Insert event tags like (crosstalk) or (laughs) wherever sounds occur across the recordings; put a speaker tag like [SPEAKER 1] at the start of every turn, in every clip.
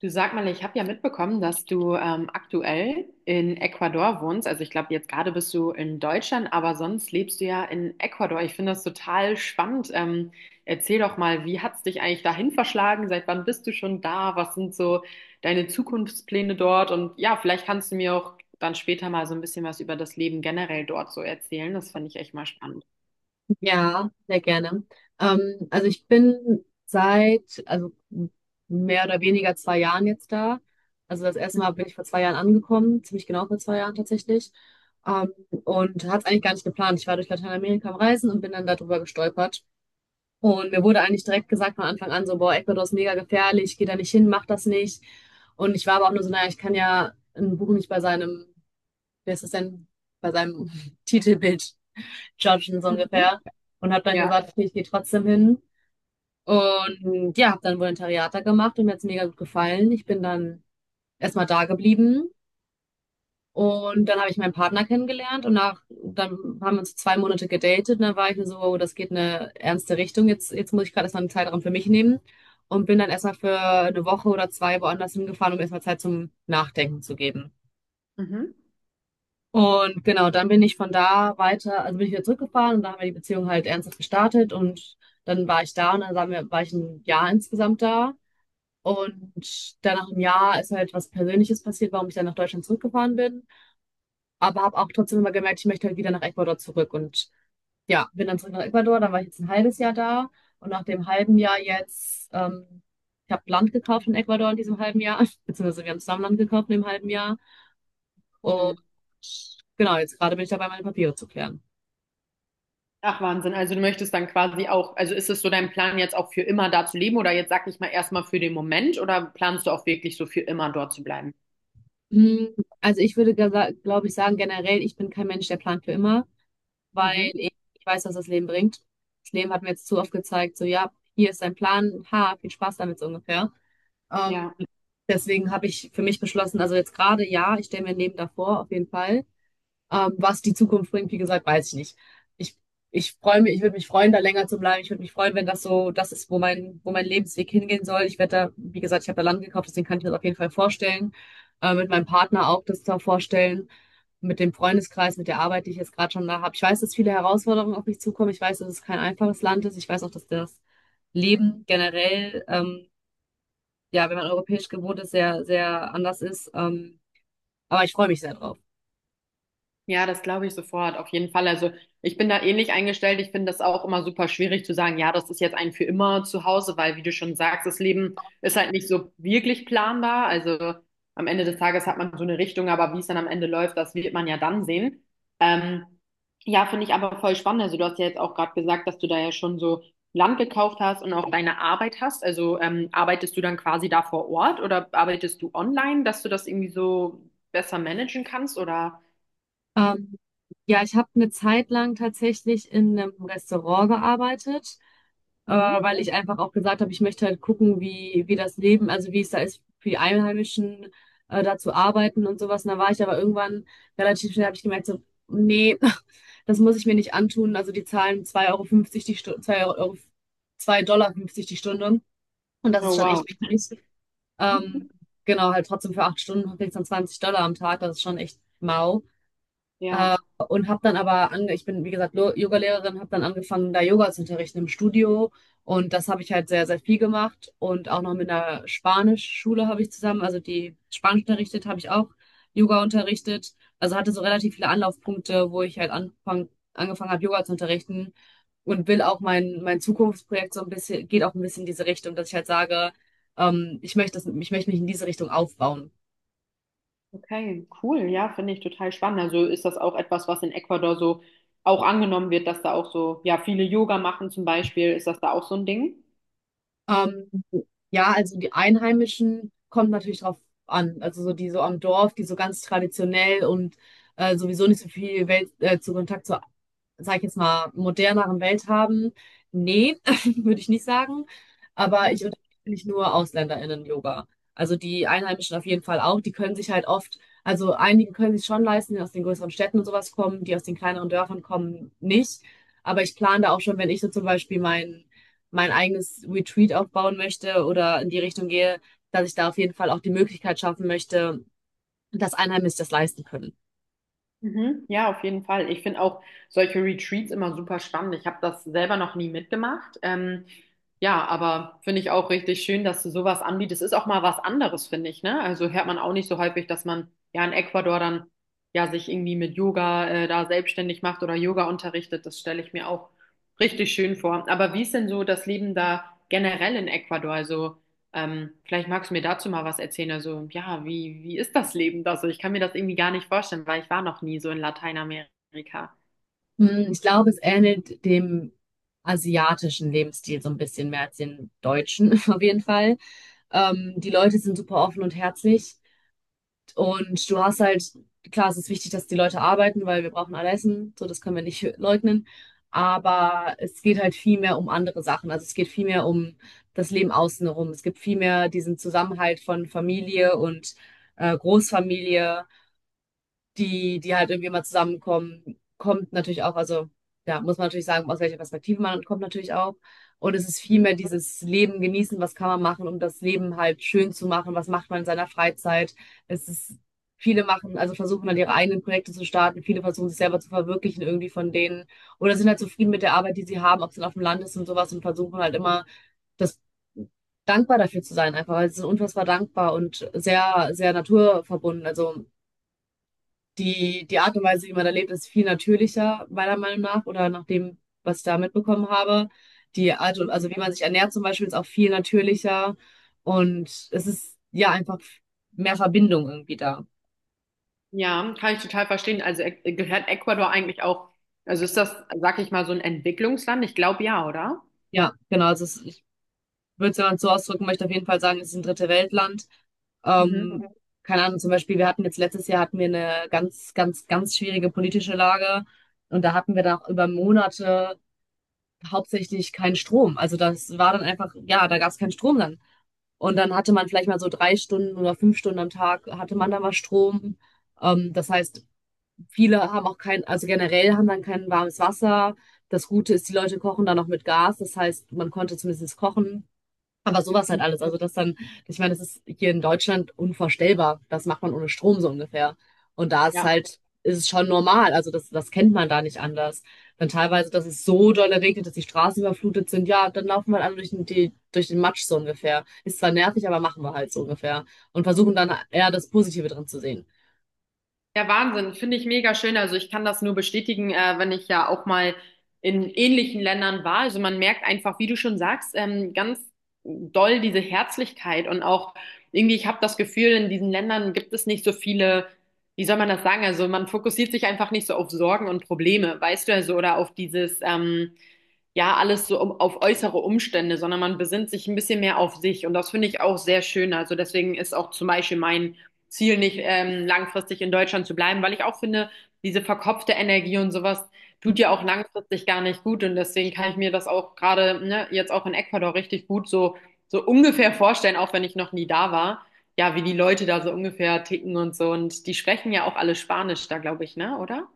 [SPEAKER 1] Du, sag mal, ich habe ja mitbekommen, dass du aktuell in Ecuador wohnst. Also ich glaube, jetzt gerade bist du in Deutschland, aber sonst lebst du ja in Ecuador. Ich finde das total spannend. Erzähl doch mal, wie hat's dich eigentlich dahin verschlagen? Seit wann bist du schon da? Was sind so deine Zukunftspläne dort? Und ja, vielleicht kannst du mir auch dann später mal so ein bisschen was über das Leben generell dort so erzählen. Das finde ich echt mal spannend.
[SPEAKER 2] Ja, sehr gerne. Also ich bin also mehr oder weniger 2 Jahren jetzt da. Also das erste Mal bin ich vor 2 Jahren angekommen, ziemlich genau vor 2 Jahren tatsächlich. Und hatte es eigentlich gar nicht geplant. Ich war durch Lateinamerika am Reisen und bin dann darüber gestolpert. Und mir wurde eigentlich direkt gesagt von Anfang an, so, boah, Ecuador ist mega gefährlich, geh da nicht hin, mach das nicht. Und ich war aber auch nur so, naja, ich kann ja ein Buch nicht bei seinem, wer ist das denn, bei seinem (laughs) Titelbild judgen, so
[SPEAKER 1] Mhm.
[SPEAKER 2] ungefähr. Und habe dann
[SPEAKER 1] Ja.
[SPEAKER 2] gesagt, okay, ich gehe trotzdem hin. Und ja, habe dann Volontariat da gemacht und mir hat's mega gut gefallen. Ich bin dann erstmal da geblieben und dann habe ich meinen Partner kennengelernt und dann haben wir uns 2 Monate gedatet und dann war ich mir so, oh, das geht in eine ernste Richtung. Jetzt muss ich gerade erstmal einen Zeitraum für mich nehmen und bin dann erstmal für eine Woche oder zwei woanders hingefahren, um erstmal Zeit zum Nachdenken zu geben.
[SPEAKER 1] Mhm.
[SPEAKER 2] Und genau, dann bin ich von da weiter, also bin ich wieder zurückgefahren und da haben wir die Beziehung halt ernsthaft gestartet und dann war ich da und dann war ich ein Jahr insgesamt da. Und dann nach einem Jahr ist halt was Persönliches passiert, warum ich dann nach Deutschland zurückgefahren bin. Aber habe auch trotzdem immer gemerkt, ich möchte halt wieder nach Ecuador zurück. Und ja, bin dann zurück nach Ecuador, dann war ich jetzt ein halbes Jahr da. Und nach dem halben Jahr jetzt, ich habe Land gekauft in Ecuador in diesem halben Jahr, (laughs) beziehungsweise wir haben zusammen Land gekauft in dem halben Jahr. Und
[SPEAKER 1] Cool.
[SPEAKER 2] genau, jetzt gerade bin ich dabei, meine Papiere zu klären.
[SPEAKER 1] Ach Wahnsinn, also du möchtest dann quasi auch, also ist es so dein Plan jetzt auch für immer da zu leben oder jetzt sag ich mal erstmal für den Moment oder planst du auch wirklich so für immer dort zu bleiben?
[SPEAKER 2] Hm, Also ich würde, glaube ich, sagen, generell, ich bin kein Mensch, der plant für immer, weil
[SPEAKER 1] Mhm.
[SPEAKER 2] ich weiß, was das Leben bringt. Das Leben hat mir jetzt zu oft gezeigt, so, ja, hier ist dein Plan, ha, viel Spaß damit, so ungefähr. Ähm,
[SPEAKER 1] Ja.
[SPEAKER 2] Deswegen habe ich für mich beschlossen, also jetzt gerade ja, ich stelle mir ein Leben davor, auf jeden Fall. Was die Zukunft bringt, wie gesagt, weiß ich nicht. Ich, ich freue mich, ich würde mich freuen, da länger zu bleiben. Ich würde mich freuen, wenn das so das ist, wo mein Lebensweg hingehen soll. Ich werde da, wie gesagt, ich habe da Land gekauft, deswegen kann ich mir das auf jeden Fall vorstellen. Mit meinem Partner auch das da vorstellen. Mit dem Freundeskreis, mit der Arbeit, die ich jetzt gerade schon da habe. Ich weiß, dass viele Herausforderungen auf mich zukommen. Ich weiß, dass es kein einfaches Land ist. Ich weiß auch, dass das Leben generell, ja, wenn man europäisch gewohnt ist, sehr, sehr anders ist. Aber ich freue mich sehr drauf.
[SPEAKER 1] Ja, das glaube ich sofort, auf jeden Fall. Also ich bin da ähnlich eingestellt. Ich finde das auch immer super schwierig zu sagen, ja, das ist jetzt ein für immer zu Hause, weil, wie du schon sagst, das Leben ist halt nicht so wirklich planbar. Also am Ende des Tages hat man so eine Richtung, aber wie es dann am Ende läuft, das wird man ja dann sehen. Ähm, ja, finde ich aber voll spannend. Also du hast ja jetzt auch gerade gesagt, dass du da ja schon so Land gekauft hast und auch deine Arbeit hast. Also arbeitest du dann quasi da vor Ort oder arbeitest du online, dass du das irgendwie so besser managen kannst oder?
[SPEAKER 2] Ähm, ja, ich habe eine Zeit lang tatsächlich in einem Restaurant gearbeitet,
[SPEAKER 1] Mhm.
[SPEAKER 2] weil ich einfach auch gesagt habe, ich möchte halt gucken, wie das Leben, also wie es da ist, für die Einheimischen da zu arbeiten und sowas. Und da war ich aber irgendwann relativ schnell, habe ich gemerkt, so, nee, (laughs) das muss ich mir nicht antun. Also die zahlen 2,50 € die Stunde, 2 Euro, 2,50 $ die Stunde. Und das
[SPEAKER 1] Oh,
[SPEAKER 2] ist schon
[SPEAKER 1] wow.
[SPEAKER 2] echt wenig. Ähm,
[SPEAKER 1] (laughs)
[SPEAKER 2] genau, halt trotzdem für 8 Stunden kriegst du dann 20 $ am Tag, das ist schon echt mau. Äh,
[SPEAKER 1] Ja,
[SPEAKER 2] und habe dann aber, ange ich bin wie gesagt Yogalehrerin, habe dann angefangen, da Yoga zu unterrichten im Studio. Und das habe ich halt sehr, sehr viel gemacht. Und auch noch mit einer Spanischschule habe ich zusammen, also die Spanisch unterrichtet, habe ich auch Yoga unterrichtet. Also hatte so relativ viele Anlaufpunkte, wo ich halt angefangen habe, Yoga zu unterrichten. Und will auch mein Zukunftsprojekt so ein bisschen, geht auch ein bisschen in diese Richtung, dass ich halt sage, ich möchte das, ich möchte mich in diese Richtung aufbauen.
[SPEAKER 1] okay, cool. Ja, finde ich total spannend. Also ist das auch etwas, was in Ecuador so auch angenommen wird, dass da auch so, ja, viele Yoga machen zum Beispiel. Ist das da auch so ein Ding?
[SPEAKER 2] Ähm, ja, also die Einheimischen kommt natürlich drauf an. Also so die so am Dorf, die so ganz traditionell und sowieso nicht so viel Welt, zu Kontakt zur, sag ich jetzt mal, moderneren Welt haben? Nee, (laughs) würde ich nicht sagen. Aber ich unterrichte nicht nur AusländerInnen Yoga. Also die Einheimischen auf jeden Fall auch. Die können sich halt oft, also einige können sich schon leisten, die aus den größeren Städten und sowas kommen, die aus den kleineren Dörfern kommen nicht. Aber ich plane da auch schon, wenn ich so zum Beispiel mein eigenes Retreat aufbauen möchte oder in die Richtung gehe, dass ich da auf jeden Fall auch die Möglichkeit schaffen möchte, dass Einheimische das leisten können.
[SPEAKER 1] Mhm. Ja, auf jeden Fall. Ich finde auch solche Retreats immer super spannend. Ich habe das selber noch nie mitgemacht. Ja, aber finde ich auch richtig schön, dass du sowas anbietest. Ist auch mal was anderes, finde ich, ne? Also hört man auch nicht so häufig, dass man ja in Ecuador dann ja sich irgendwie mit Yoga da selbstständig macht oder Yoga unterrichtet. Das stelle ich mir auch richtig schön vor. Aber wie ist denn so das Leben da generell in Ecuador? Also vielleicht magst du mir dazu mal was erzählen. Also, ja, wie, wie ist das Leben da so? Ich kann mir das irgendwie gar nicht vorstellen, weil ich war noch nie so in Lateinamerika.
[SPEAKER 2] Ich glaube, es ähnelt dem asiatischen Lebensstil so ein bisschen mehr als den deutschen, (laughs) auf jeden Fall. Die Leute sind super offen und herzlich. Und du hast halt, klar, es ist wichtig, dass die Leute arbeiten, weil wir brauchen alle Essen. So, das können wir nicht (laughs) leugnen. Aber es geht halt viel mehr um andere Sachen. Also es geht viel mehr um das Leben außen herum. Es gibt viel mehr diesen Zusammenhalt von Familie und Großfamilie, die die halt irgendwie immer zusammenkommen, kommt natürlich auch, also ja, muss man natürlich sagen, aus welcher Perspektive man kommt, natürlich auch. Und es ist
[SPEAKER 1] Mhm,
[SPEAKER 2] vielmehr dieses Leben genießen, was kann man machen, um das Leben halt schön zu machen, was macht man in seiner Freizeit. Es ist, viele machen, also versuchen dann ihre eigenen Projekte zu starten, viele versuchen sich selber zu verwirklichen irgendwie von denen oder sind halt zufrieden mit der Arbeit, die sie haben, ob es dann auf dem Land ist und sowas und versuchen halt immer das dankbar dafür zu sein, einfach, weil sie sind unfassbar dankbar und sehr, sehr naturverbunden. Also die Art und Weise, wie man da lebt, ist viel natürlicher, meiner Meinung nach, oder nach dem, was ich da mitbekommen habe. Die Art und,
[SPEAKER 1] mhm.
[SPEAKER 2] also wie man sich ernährt zum Beispiel, ist auch viel natürlicher. Und es ist ja einfach mehr Verbindung irgendwie da.
[SPEAKER 1] Ja, kann ich total verstehen. Also gehört Ecuador eigentlich auch, also ist das, sag ich mal, so ein Entwicklungsland? Ich glaube ja, oder?
[SPEAKER 2] Ja, genau. Also ich würde es, wenn man es so ausdrücken möchte, auf jeden Fall sagen, es ist ein dritte Weltland.
[SPEAKER 1] Mhm.
[SPEAKER 2] Ähm, Keine Ahnung, zum Beispiel, wir hatten jetzt letztes Jahr hatten wir eine ganz, ganz, ganz schwierige politische Lage. Und da hatten wir dann auch über Monate hauptsächlich keinen Strom. Also das war dann einfach, ja, da gab es keinen Strom dann. Und dann hatte man vielleicht mal so 3 Stunden oder 5 Stunden am Tag, hatte man dann mal Strom. Das heißt, viele haben auch kein, also generell haben dann kein warmes Wasser. Das Gute ist, die Leute kochen dann noch mit Gas. Das heißt, man konnte zumindest kochen. Aber sowas halt alles. Also das dann, ich meine, das ist hier in Deutschland unvorstellbar. Das macht man ohne Strom, so ungefähr. Und da ist
[SPEAKER 1] Ja.
[SPEAKER 2] halt, ist es schon normal. Also das kennt man da nicht anders. Dann teilweise, dass es so doll regnet, dass die Straßen überflutet sind. Ja, dann laufen wir halt alle durch den Matsch, so ungefähr. Ist zwar nervig, aber machen wir halt, so ungefähr. Und versuchen dann eher das Positive drin zu sehen.
[SPEAKER 1] Ja, Wahnsinn, finde ich mega schön. Also ich kann das nur bestätigen, wenn ich ja auch mal in ähnlichen Ländern war. Also man merkt einfach, wie du schon sagst, ganz doll diese Herzlichkeit und auch irgendwie, ich habe das Gefühl, in diesen Ländern gibt es nicht so viele, wie soll man das sagen? Also man fokussiert sich einfach nicht so auf Sorgen und Probleme, weißt du, also oder auf dieses, ja alles so um, auf äußere Umstände, sondern man besinnt sich ein bisschen mehr auf sich. Und das finde ich auch sehr schön. Also deswegen ist auch zum Beispiel mein Ziel nicht, langfristig in Deutschland zu bleiben, weil ich auch finde, diese verkopfte Energie und sowas tut ja auch langfristig gar nicht gut. Und deswegen kann ich mir das auch gerade, ne, jetzt auch in Ecuador richtig gut so, so ungefähr vorstellen, auch wenn ich noch nie da war. Ja, wie die Leute da so ungefähr ticken und so. Und die sprechen ja auch alle Spanisch da, glaube ich, ne? Oder?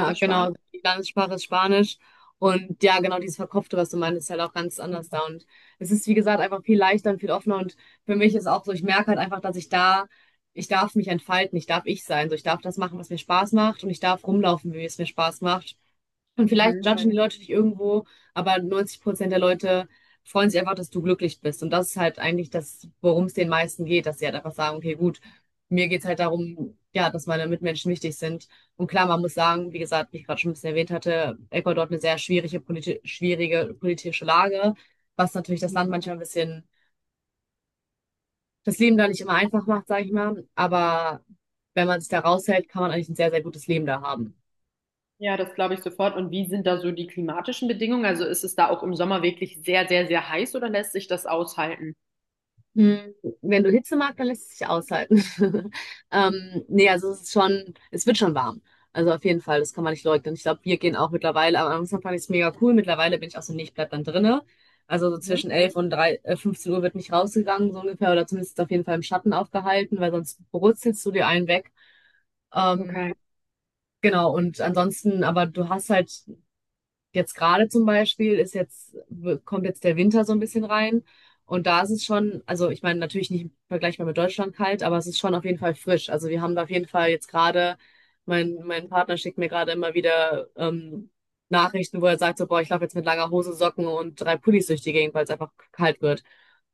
[SPEAKER 1] Ist das Spanisch?
[SPEAKER 2] genau. Die Landessprache ist Spanisch. Und ja, genau dieses Verkopfte, was du meinst, ist halt auch ganz anders da. Und es ist, wie gesagt, einfach viel leichter und viel offener. Und für mich ist auch so, ich merke halt einfach, dass ich da, ich darf mich entfalten, ich darf ich sein. So, ich darf das machen, was mir Spaß macht und ich darf rumlaufen, wie es mir Spaß macht. Und vielleicht
[SPEAKER 1] Mhm.
[SPEAKER 2] judgen die, mhm, Leute dich irgendwo, aber 90% der Leute freuen sich einfach, dass du glücklich bist. Und das ist halt eigentlich das, worum es den meisten geht, dass sie halt einfach sagen, okay, gut, mir geht's halt darum, ja, dass meine Mitmenschen wichtig sind. Und klar, man muss sagen, wie gesagt, wie ich gerade schon ein bisschen erwähnt hatte, Ecuador hat eine sehr schwierige, politi schwierige politische Lage, was natürlich das Land manchmal ein bisschen, das Leben da nicht immer einfach macht, sage ich mal. Aber wenn man sich da raushält, kann man eigentlich ein sehr, sehr gutes Leben da haben.
[SPEAKER 1] Ja, das glaube ich sofort. Und wie sind da so die klimatischen Bedingungen? Also ist es da auch im Sommer wirklich sehr, sehr, sehr heiß oder lässt sich das aushalten?
[SPEAKER 2] Hm, Wenn du Hitze magst, dann lässt es sich aushalten. (laughs) Nee, also es ist schon, es wird schon warm. Also auf jeden Fall, das kann man nicht leugnen. Ich glaube, wir gehen auch mittlerweile, am Anfang fand ich es mega cool. Mittlerweile bin ich auch so, nee, ich bleib dann drinne. Also so
[SPEAKER 1] Mhm.
[SPEAKER 2] zwischen 11 und 3, 15 Uhr wird nicht rausgegangen, so ungefähr, oder zumindest auf jeden Fall im Schatten aufgehalten, weil sonst brutzelst du dir einen weg. Ähm,
[SPEAKER 1] Okay.
[SPEAKER 2] genau, und ansonsten, aber du hast halt jetzt gerade zum Beispiel kommt jetzt der Winter so ein bisschen rein. Und da ist es schon, also ich meine, natürlich nicht vergleichbar mit Deutschland kalt, aber es ist schon auf jeden Fall frisch. Also wir haben da auf jeden Fall jetzt gerade, mein Partner schickt mir gerade immer wieder Nachrichten, wo er sagt, so, boah, ich laufe jetzt mit langer Hose, Socken und drei Pullis durch die Gegend, weil es einfach kalt wird.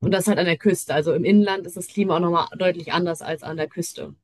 [SPEAKER 2] Und das halt an der Küste. Also im Inland ist das Klima auch nochmal deutlich anders als an der Küste.